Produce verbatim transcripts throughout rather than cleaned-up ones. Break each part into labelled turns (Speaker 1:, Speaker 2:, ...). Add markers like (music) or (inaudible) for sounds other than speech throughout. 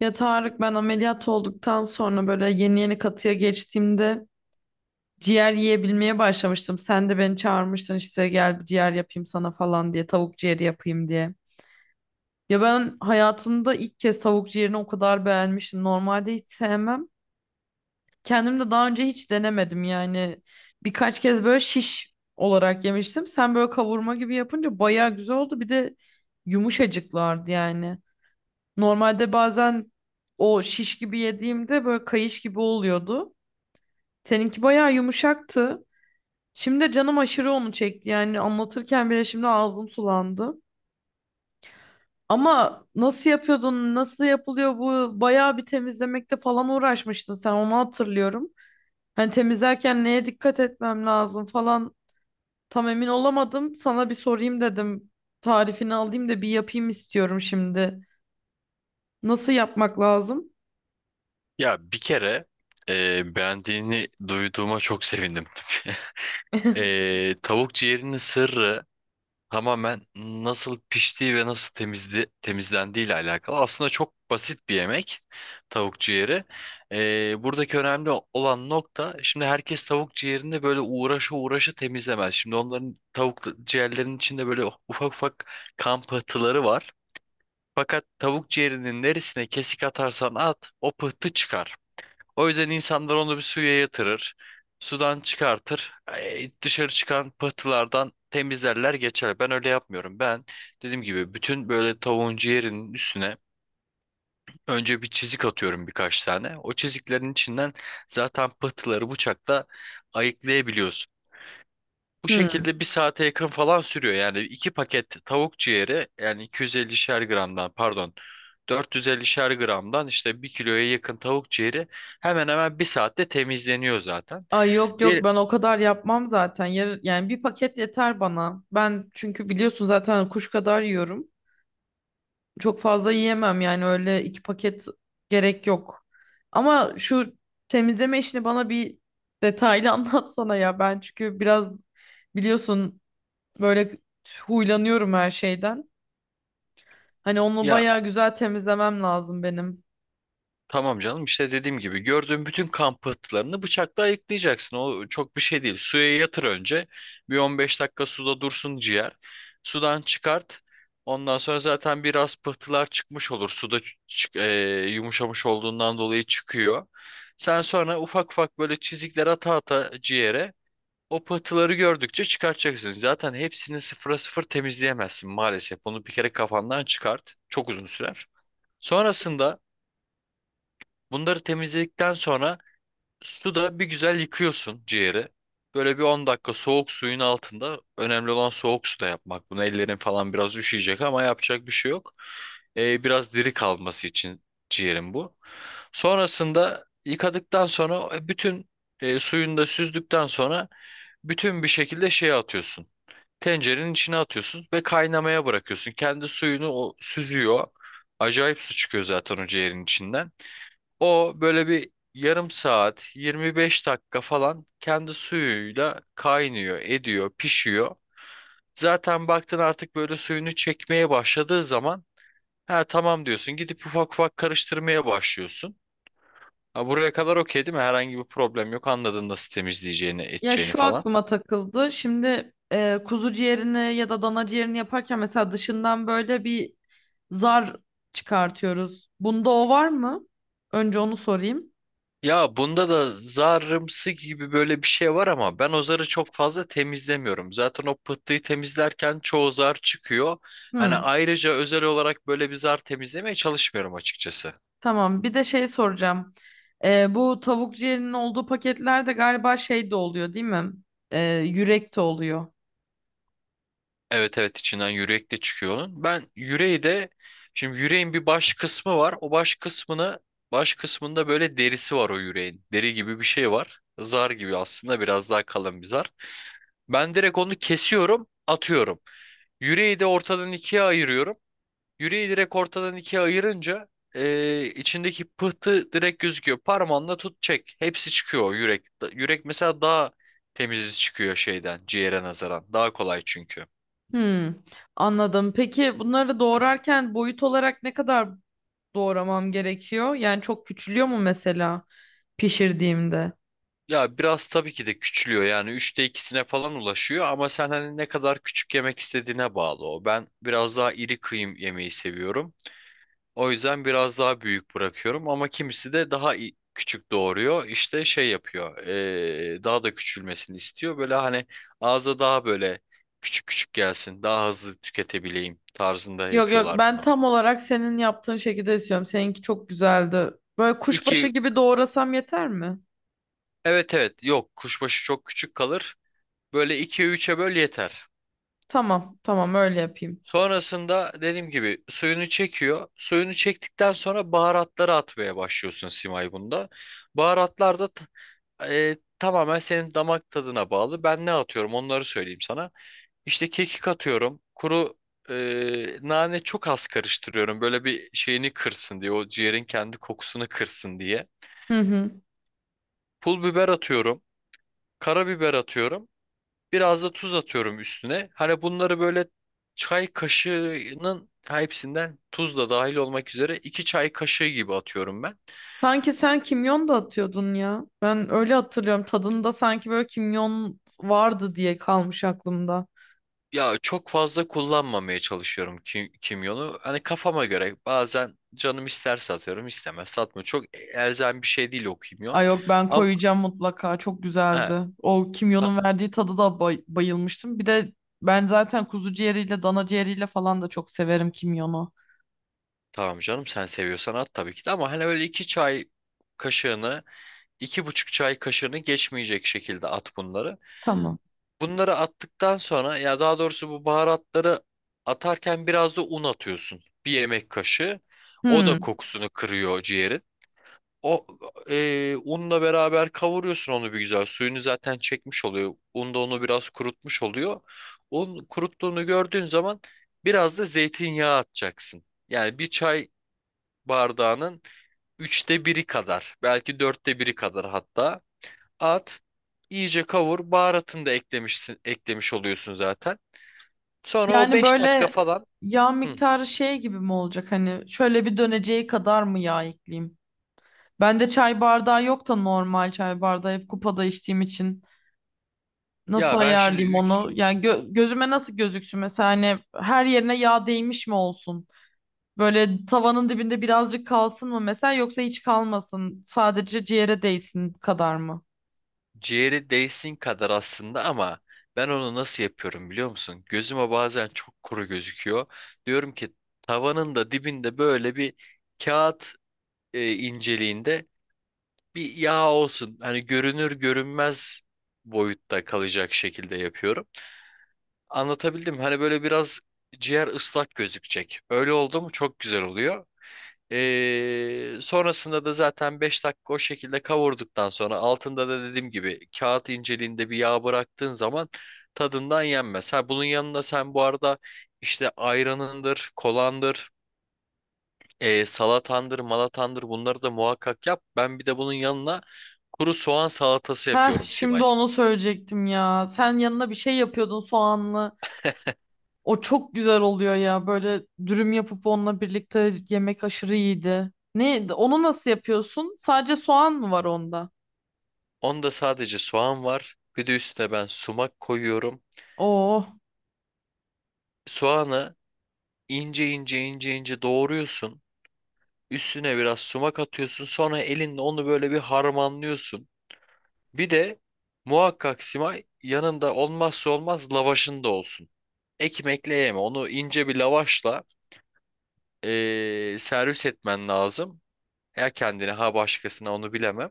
Speaker 1: Ya Tarık, ben ameliyat olduktan sonra böyle yeni yeni katıya geçtiğimde ciğer yiyebilmeye başlamıştım. Sen de beni çağırmıştın, işte gel bir ciğer yapayım sana falan diye, tavuk ciğeri yapayım diye. Ya ben hayatımda ilk kez tavuk ciğerini o kadar beğenmiştim. Normalde hiç sevmem. Kendim de daha önce hiç denemedim yani. Birkaç kez böyle şiş olarak yemiştim. Sen böyle kavurma gibi yapınca bayağı güzel oldu. Bir de yumuşacıklardı yani. Normalde bazen o şiş gibi yediğimde böyle kayış gibi oluyordu. Seninki bayağı yumuşaktı. Şimdi de canım aşırı onu çekti. Yani anlatırken bile şimdi ağzım sulandı. Ama nasıl yapıyordun? Nasıl yapılıyor bu? Bayağı bir temizlemekte falan uğraşmıştın sen. Onu hatırlıyorum. Hani temizlerken neye dikkat etmem lazım falan, tam emin olamadım. Sana bir sorayım dedim. Tarifini alayım da bir yapayım istiyorum şimdi. Nasıl yapmak lazım?
Speaker 2: Ya bir kere e, beğendiğini duyduğuma çok sevindim. (laughs)
Speaker 1: (laughs)
Speaker 2: E, tavuk ciğerinin sırrı tamamen nasıl piştiği ve nasıl temizli, temizlendiği ile alakalı. Aslında çok basit bir yemek, tavuk ciğeri. E, buradaki önemli olan nokta, şimdi herkes tavuk ciğerini böyle uğraşı uğraşı temizlemez. Şimdi onların tavuk ciğerlerinin içinde böyle ufak ufak kan pıhtıları var. Fakat tavuk ciğerinin neresine kesik atarsan at, o pıhtı çıkar. O yüzden insanlar onu bir suya yatırır. Sudan çıkartır. e, Dışarı çıkan pıhtılardan temizlerler, geçer. Ben öyle yapmıyorum. Ben dediğim gibi bütün böyle tavuğun ciğerinin üstüne önce bir çizik atıyorum, birkaç tane. O çiziklerin içinden zaten pıhtıları bıçakla ayıklayabiliyorsun. Bu
Speaker 1: Hmm.
Speaker 2: şekilde bir saate yakın falan sürüyor. Yani iki paket tavuk ciğeri, yani iki yüz ellişer gramdan, pardon, dört yüz ellişer gramdan, işte bir kiloya yakın tavuk ciğeri hemen hemen bir saatte temizleniyor zaten.
Speaker 1: Ay, yok yok,
Speaker 2: Diyelim,
Speaker 1: ben o kadar yapmam zaten. Yar- yani bir paket yeter bana. Ben çünkü biliyorsun zaten kuş kadar yiyorum. Çok fazla yiyemem yani, öyle iki paket gerek yok. Ama şu temizleme işini bana bir detaylı (laughs) anlatsana ya. Ben çünkü biraz biliyorsun böyle huylanıyorum her şeyden. Hani onu
Speaker 2: ya
Speaker 1: bayağı güzel temizlemem lazım benim.
Speaker 2: tamam canım, işte dediğim gibi gördüğün bütün kan pıhtılarını bıçakla ayıklayacaksın. O çok bir şey değil. Suya yatır önce. Bir on beş dakika suda dursun ciğer. Sudan çıkart. Ondan sonra zaten biraz pıhtılar çıkmış olur. Suda ç- çık- e, yumuşamış olduğundan dolayı çıkıyor. Sen sonra ufak ufak böyle çizikler ata ata ciğere o pıhtıları gördükçe çıkartacaksın. Zaten hepsini sıfıra sıfır temizleyemezsin maalesef. Bunu bir kere kafandan çıkart. Çok uzun sürer. Sonrasında bunları temizledikten sonra suda bir güzel yıkıyorsun ciğeri. Böyle bir on dakika soğuk suyun altında. Önemli olan soğuk suda yapmak. Bunu ellerin falan biraz üşüyecek ama yapacak bir şey yok. Ee, biraz diri kalması için ciğerin bu. Sonrasında yıkadıktan sonra e, bütün e, suyunu da süzdükten sonra bütün bir şekilde şeye atıyorsun. Tencerenin içine atıyorsun ve kaynamaya bırakıyorsun. Kendi suyunu o süzüyor. Acayip su çıkıyor zaten o ciğerin içinden. O böyle bir yarım saat, yirmi beş dakika falan kendi suyuyla kaynıyor, ediyor, pişiyor. Zaten baktın artık böyle suyunu çekmeye başladığı zaman, ha tamam, diyorsun. Gidip ufak ufak karıştırmaya başlıyorsun. Ha, buraya kadar okey değil mi? Herhangi bir problem yok. Anladın nasıl temizleyeceğini,
Speaker 1: Ya
Speaker 2: edeceğini
Speaker 1: şu
Speaker 2: falan.
Speaker 1: aklıma takıldı. Şimdi e, kuzu ciğerini ya da dana ciğerini yaparken mesela dışından böyle bir zar çıkartıyoruz. Bunda o var mı? Önce onu sorayım.
Speaker 2: Ya bunda da zarımsı gibi böyle bir şey var ama ben o zarı çok fazla temizlemiyorum. Zaten o pıhtıyı temizlerken çoğu zar çıkıyor. Hani
Speaker 1: Hı,
Speaker 2: ayrıca özel olarak böyle bir zar temizlemeye çalışmıyorum açıkçası.
Speaker 1: tamam. Bir de şey soracağım. Ee, bu tavuk ciğerinin olduğu paketlerde galiba şey de oluyor, değil mi? Ee, yürek de oluyor.
Speaker 2: Evet evet, içinden yürek de çıkıyor onun. Ben yüreği de, şimdi yüreğin bir baş kısmı var. O baş kısmını, baş kısmında böyle derisi var o yüreğin. Deri gibi bir şey var. Zar gibi, aslında biraz daha kalın bir zar. Ben direkt onu kesiyorum, atıyorum. Yüreği de ortadan ikiye ayırıyorum. Yüreği direkt ortadan ikiye ayırınca eee, içindeki pıhtı direkt gözüküyor. Parmağınla tut, çek. Hepsi çıkıyor o yürek. Da- Yürek mesela daha temiz çıkıyor şeyden, ciğere nazaran. Daha kolay çünkü.
Speaker 1: Hmm, anladım. Peki bunları doğrarken boyut olarak ne kadar doğramam gerekiyor? Yani çok küçülüyor mu mesela pişirdiğimde?
Speaker 2: Ya biraz tabii ki de küçülüyor yani üçte ikisine falan ulaşıyor ama sen hani ne kadar küçük yemek istediğine bağlı o. Ben biraz daha iri kıyım yemeyi seviyorum. O yüzden biraz daha büyük bırakıyorum ama kimisi de daha i- küçük doğuruyor. İşte şey yapıyor. eee, daha da küçülmesini istiyor. Böyle hani ağza daha böyle küçük küçük gelsin. Daha hızlı tüketebileyim tarzında
Speaker 1: Yok yok,
Speaker 2: yapıyorlar
Speaker 1: ben
Speaker 2: bunu.
Speaker 1: tam olarak senin yaptığın şekilde istiyorum. Seninki çok güzeldi. Böyle
Speaker 2: iki,
Speaker 1: kuşbaşı gibi doğrasam yeter mi?
Speaker 2: evet evet, yok kuşbaşı çok küçük kalır. Böyle ikiye üç'e böl, yeter.
Speaker 1: Tamam tamam, öyle yapayım.
Speaker 2: Sonrasında dediğim gibi suyunu çekiyor. Suyunu çektikten sonra baharatları atmaya başlıyorsun Simay, bunda. Baharatlar da t- e, tamamen senin damak tadına bağlı. Ben ne atıyorum onları söyleyeyim sana. İşte kekik atıyorum. Kuru e, nane çok az karıştırıyorum. Böyle bir şeyini kırsın diye. O ciğerin kendi kokusunu kırsın diye.
Speaker 1: Hı hı.
Speaker 2: Pul biber atıyorum. Karabiber atıyorum. Biraz da tuz atıyorum üstüne. Hani bunları böyle çay kaşığının hepsinden, tuz da dahil olmak üzere, iki çay kaşığı gibi atıyorum ben.
Speaker 1: Sanki sen kimyon da atıyordun ya. Ben öyle hatırlıyorum. Tadında sanki böyle kimyon vardı diye kalmış aklımda.
Speaker 2: Ya çok fazla kullanmamaya çalışıyorum kim, kimyonu. Hani kafama göre bazen canım isterse atıyorum, istemez satmıyor. Çok elzem bir şey değil o kimyon.
Speaker 1: Ay yok, ben
Speaker 2: Ama
Speaker 1: koyacağım mutlaka. Çok
Speaker 2: he,
Speaker 1: güzeldi. O
Speaker 2: ta-
Speaker 1: kimyonun verdiği tadı da bay- bayılmıştım. Bir de ben zaten kuzu ciğeriyle dana ciğeriyle falan da çok severim kimyonu.
Speaker 2: tamam canım, sen seviyorsan at tabii ki de ama hani öyle iki çay kaşığını, iki buçuk çay kaşığını geçmeyecek şekilde at bunları.
Speaker 1: Tamam.
Speaker 2: Bunları attıktan sonra, ya daha doğrusu bu baharatları atarken biraz da un atıyorsun. Bir yemek kaşığı. O da
Speaker 1: Hmm.
Speaker 2: kokusunu kırıyor ciğerin. O e, unla beraber kavuruyorsun onu bir güzel. Suyunu zaten çekmiş oluyor. Un da onu biraz kurutmuş oluyor. Un kuruttuğunu gördüğün zaman biraz da zeytinyağı atacaksın. Yani bir çay bardağının üçte biri kadar, belki dörtte biri kadar hatta, at, iyice kavur. Baharatını da eklemişsin, eklemiş oluyorsun zaten. Sonra o
Speaker 1: Yani
Speaker 2: beş dakika
Speaker 1: böyle
Speaker 2: falan.
Speaker 1: yağ
Speaker 2: Hı.
Speaker 1: miktarı şey gibi mi olacak, hani şöyle bir döneceği kadar mı yağ ekleyeyim? Bende çay bardağı yok da, normal çay bardağı hep kupada içtiğim için nasıl
Speaker 2: Ya ben şimdi
Speaker 1: ayarlayayım
Speaker 2: üç
Speaker 1: onu? Yani gö- gözüme nasıl gözüksün mesela, hani her yerine yağ değmiş mi olsun? Böyle tavanın dibinde birazcık kalsın mı mesela, yoksa hiç kalmasın sadece ciğere değsin kadar mı?
Speaker 2: ciğeri değsin kadar aslında ama ben onu nasıl yapıyorum biliyor musun? Gözüme bazen çok kuru gözüküyor. Diyorum ki, tavanın da dibinde böyle bir kağıt e, inceliğinde bir yağ olsun. Hani görünür görünmez boyutta kalacak şekilde yapıyorum. Anlatabildim. Hani böyle biraz ciğer ıslak gözükecek. Öyle oldu mu çok güzel oluyor. Ee, sonrasında da zaten beş dakika o şekilde kavurduktan sonra altında da dediğim gibi kağıt inceliğinde bir yağ bıraktığın zaman tadından yenmez. Ha, bunun yanında sen bu arada işte ayranındır, kolandır, ee, salatandır, malatandır, bunları da muhakkak yap. Ben bir de bunun yanına kuru soğan salatası
Speaker 1: Heh,
Speaker 2: yapıyorum,
Speaker 1: şimdi
Speaker 2: Simay.
Speaker 1: onu söyleyecektim ya. Sen yanına bir şey yapıyordun, soğanlı. O çok güzel oluyor ya. Böyle dürüm yapıp onunla birlikte yemek aşırı iyiydi. Ne, onu nasıl yapıyorsun? Sadece soğan mı var onda?
Speaker 2: Onda sadece soğan var. Bir de üstüne ben sumak koyuyorum.
Speaker 1: Oh,
Speaker 2: Soğanı ince ince ince ince doğruyorsun. Üstüne biraz sumak atıyorsun. Sonra elinle onu böyle bir harmanlıyorsun. Bir de muhakkak, Simay, yanında olmazsa olmaz lavaşın da olsun. Ekmekle yeme. Onu ince bir lavaşla eee, servis etmen lazım. Ya kendine, ha başkasına, onu bilemem.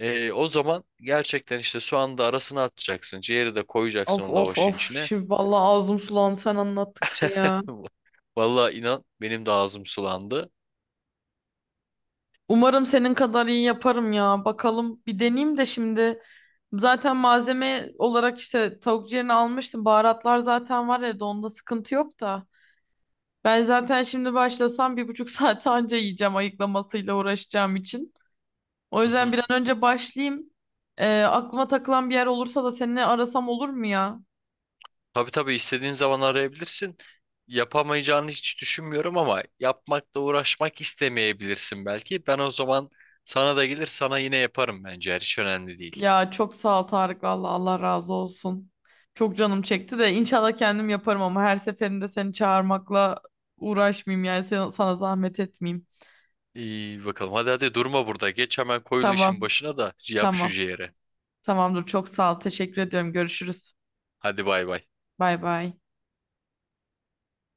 Speaker 2: Ee, o zaman gerçekten işte soğanı da arasına atacaksın. Ciğeri de koyacaksın
Speaker 1: of
Speaker 2: o
Speaker 1: of
Speaker 2: lavaşın
Speaker 1: of.
Speaker 2: içine.
Speaker 1: Şimdi vallahi ağzım sulandı sen anlattıkça ya.
Speaker 2: (laughs) Vallahi inan benim de ağzım sulandı.
Speaker 1: Umarım senin kadar iyi yaparım ya. Bakalım bir deneyeyim de şimdi. Zaten malzeme olarak işte tavuk ciğerini almıştım. Baharatlar zaten var evde, onda sıkıntı yok da. Ben zaten şimdi başlasam bir buçuk (laughs) saate anca yiyeceğim, ayıklamasıyla uğraşacağım için. O
Speaker 2: Hı
Speaker 1: yüzden
Speaker 2: hı.
Speaker 1: bir an önce başlayayım. Ee, aklıma takılan bir yer olursa da seninle arasam olur mu ya?
Speaker 2: Tabii tabii, istediğin zaman arayabilirsin. Yapamayacağını hiç düşünmüyorum ama yapmakla uğraşmak istemeyebilirsin belki. Ben o zaman sana da gelir, sana yine yaparım bence. Hiç önemli değil.
Speaker 1: Ya çok sağ ol Tarık, valla Allah razı olsun. Çok canım çekti de inşallah kendim yaparım, ama her seferinde seni çağırmakla uğraşmayayım yani, sen- sana zahmet etmeyeyim.
Speaker 2: İyi bakalım. Hadi hadi, durma burada. Geç hemen koyul
Speaker 1: Tamam
Speaker 2: işin başına da yap şu
Speaker 1: tamam,
Speaker 2: ciğeri.
Speaker 1: tamamdır, çok sağ ol, teşekkür ediyorum, görüşürüz.
Speaker 2: Hadi, bay bay.
Speaker 1: Bay bay.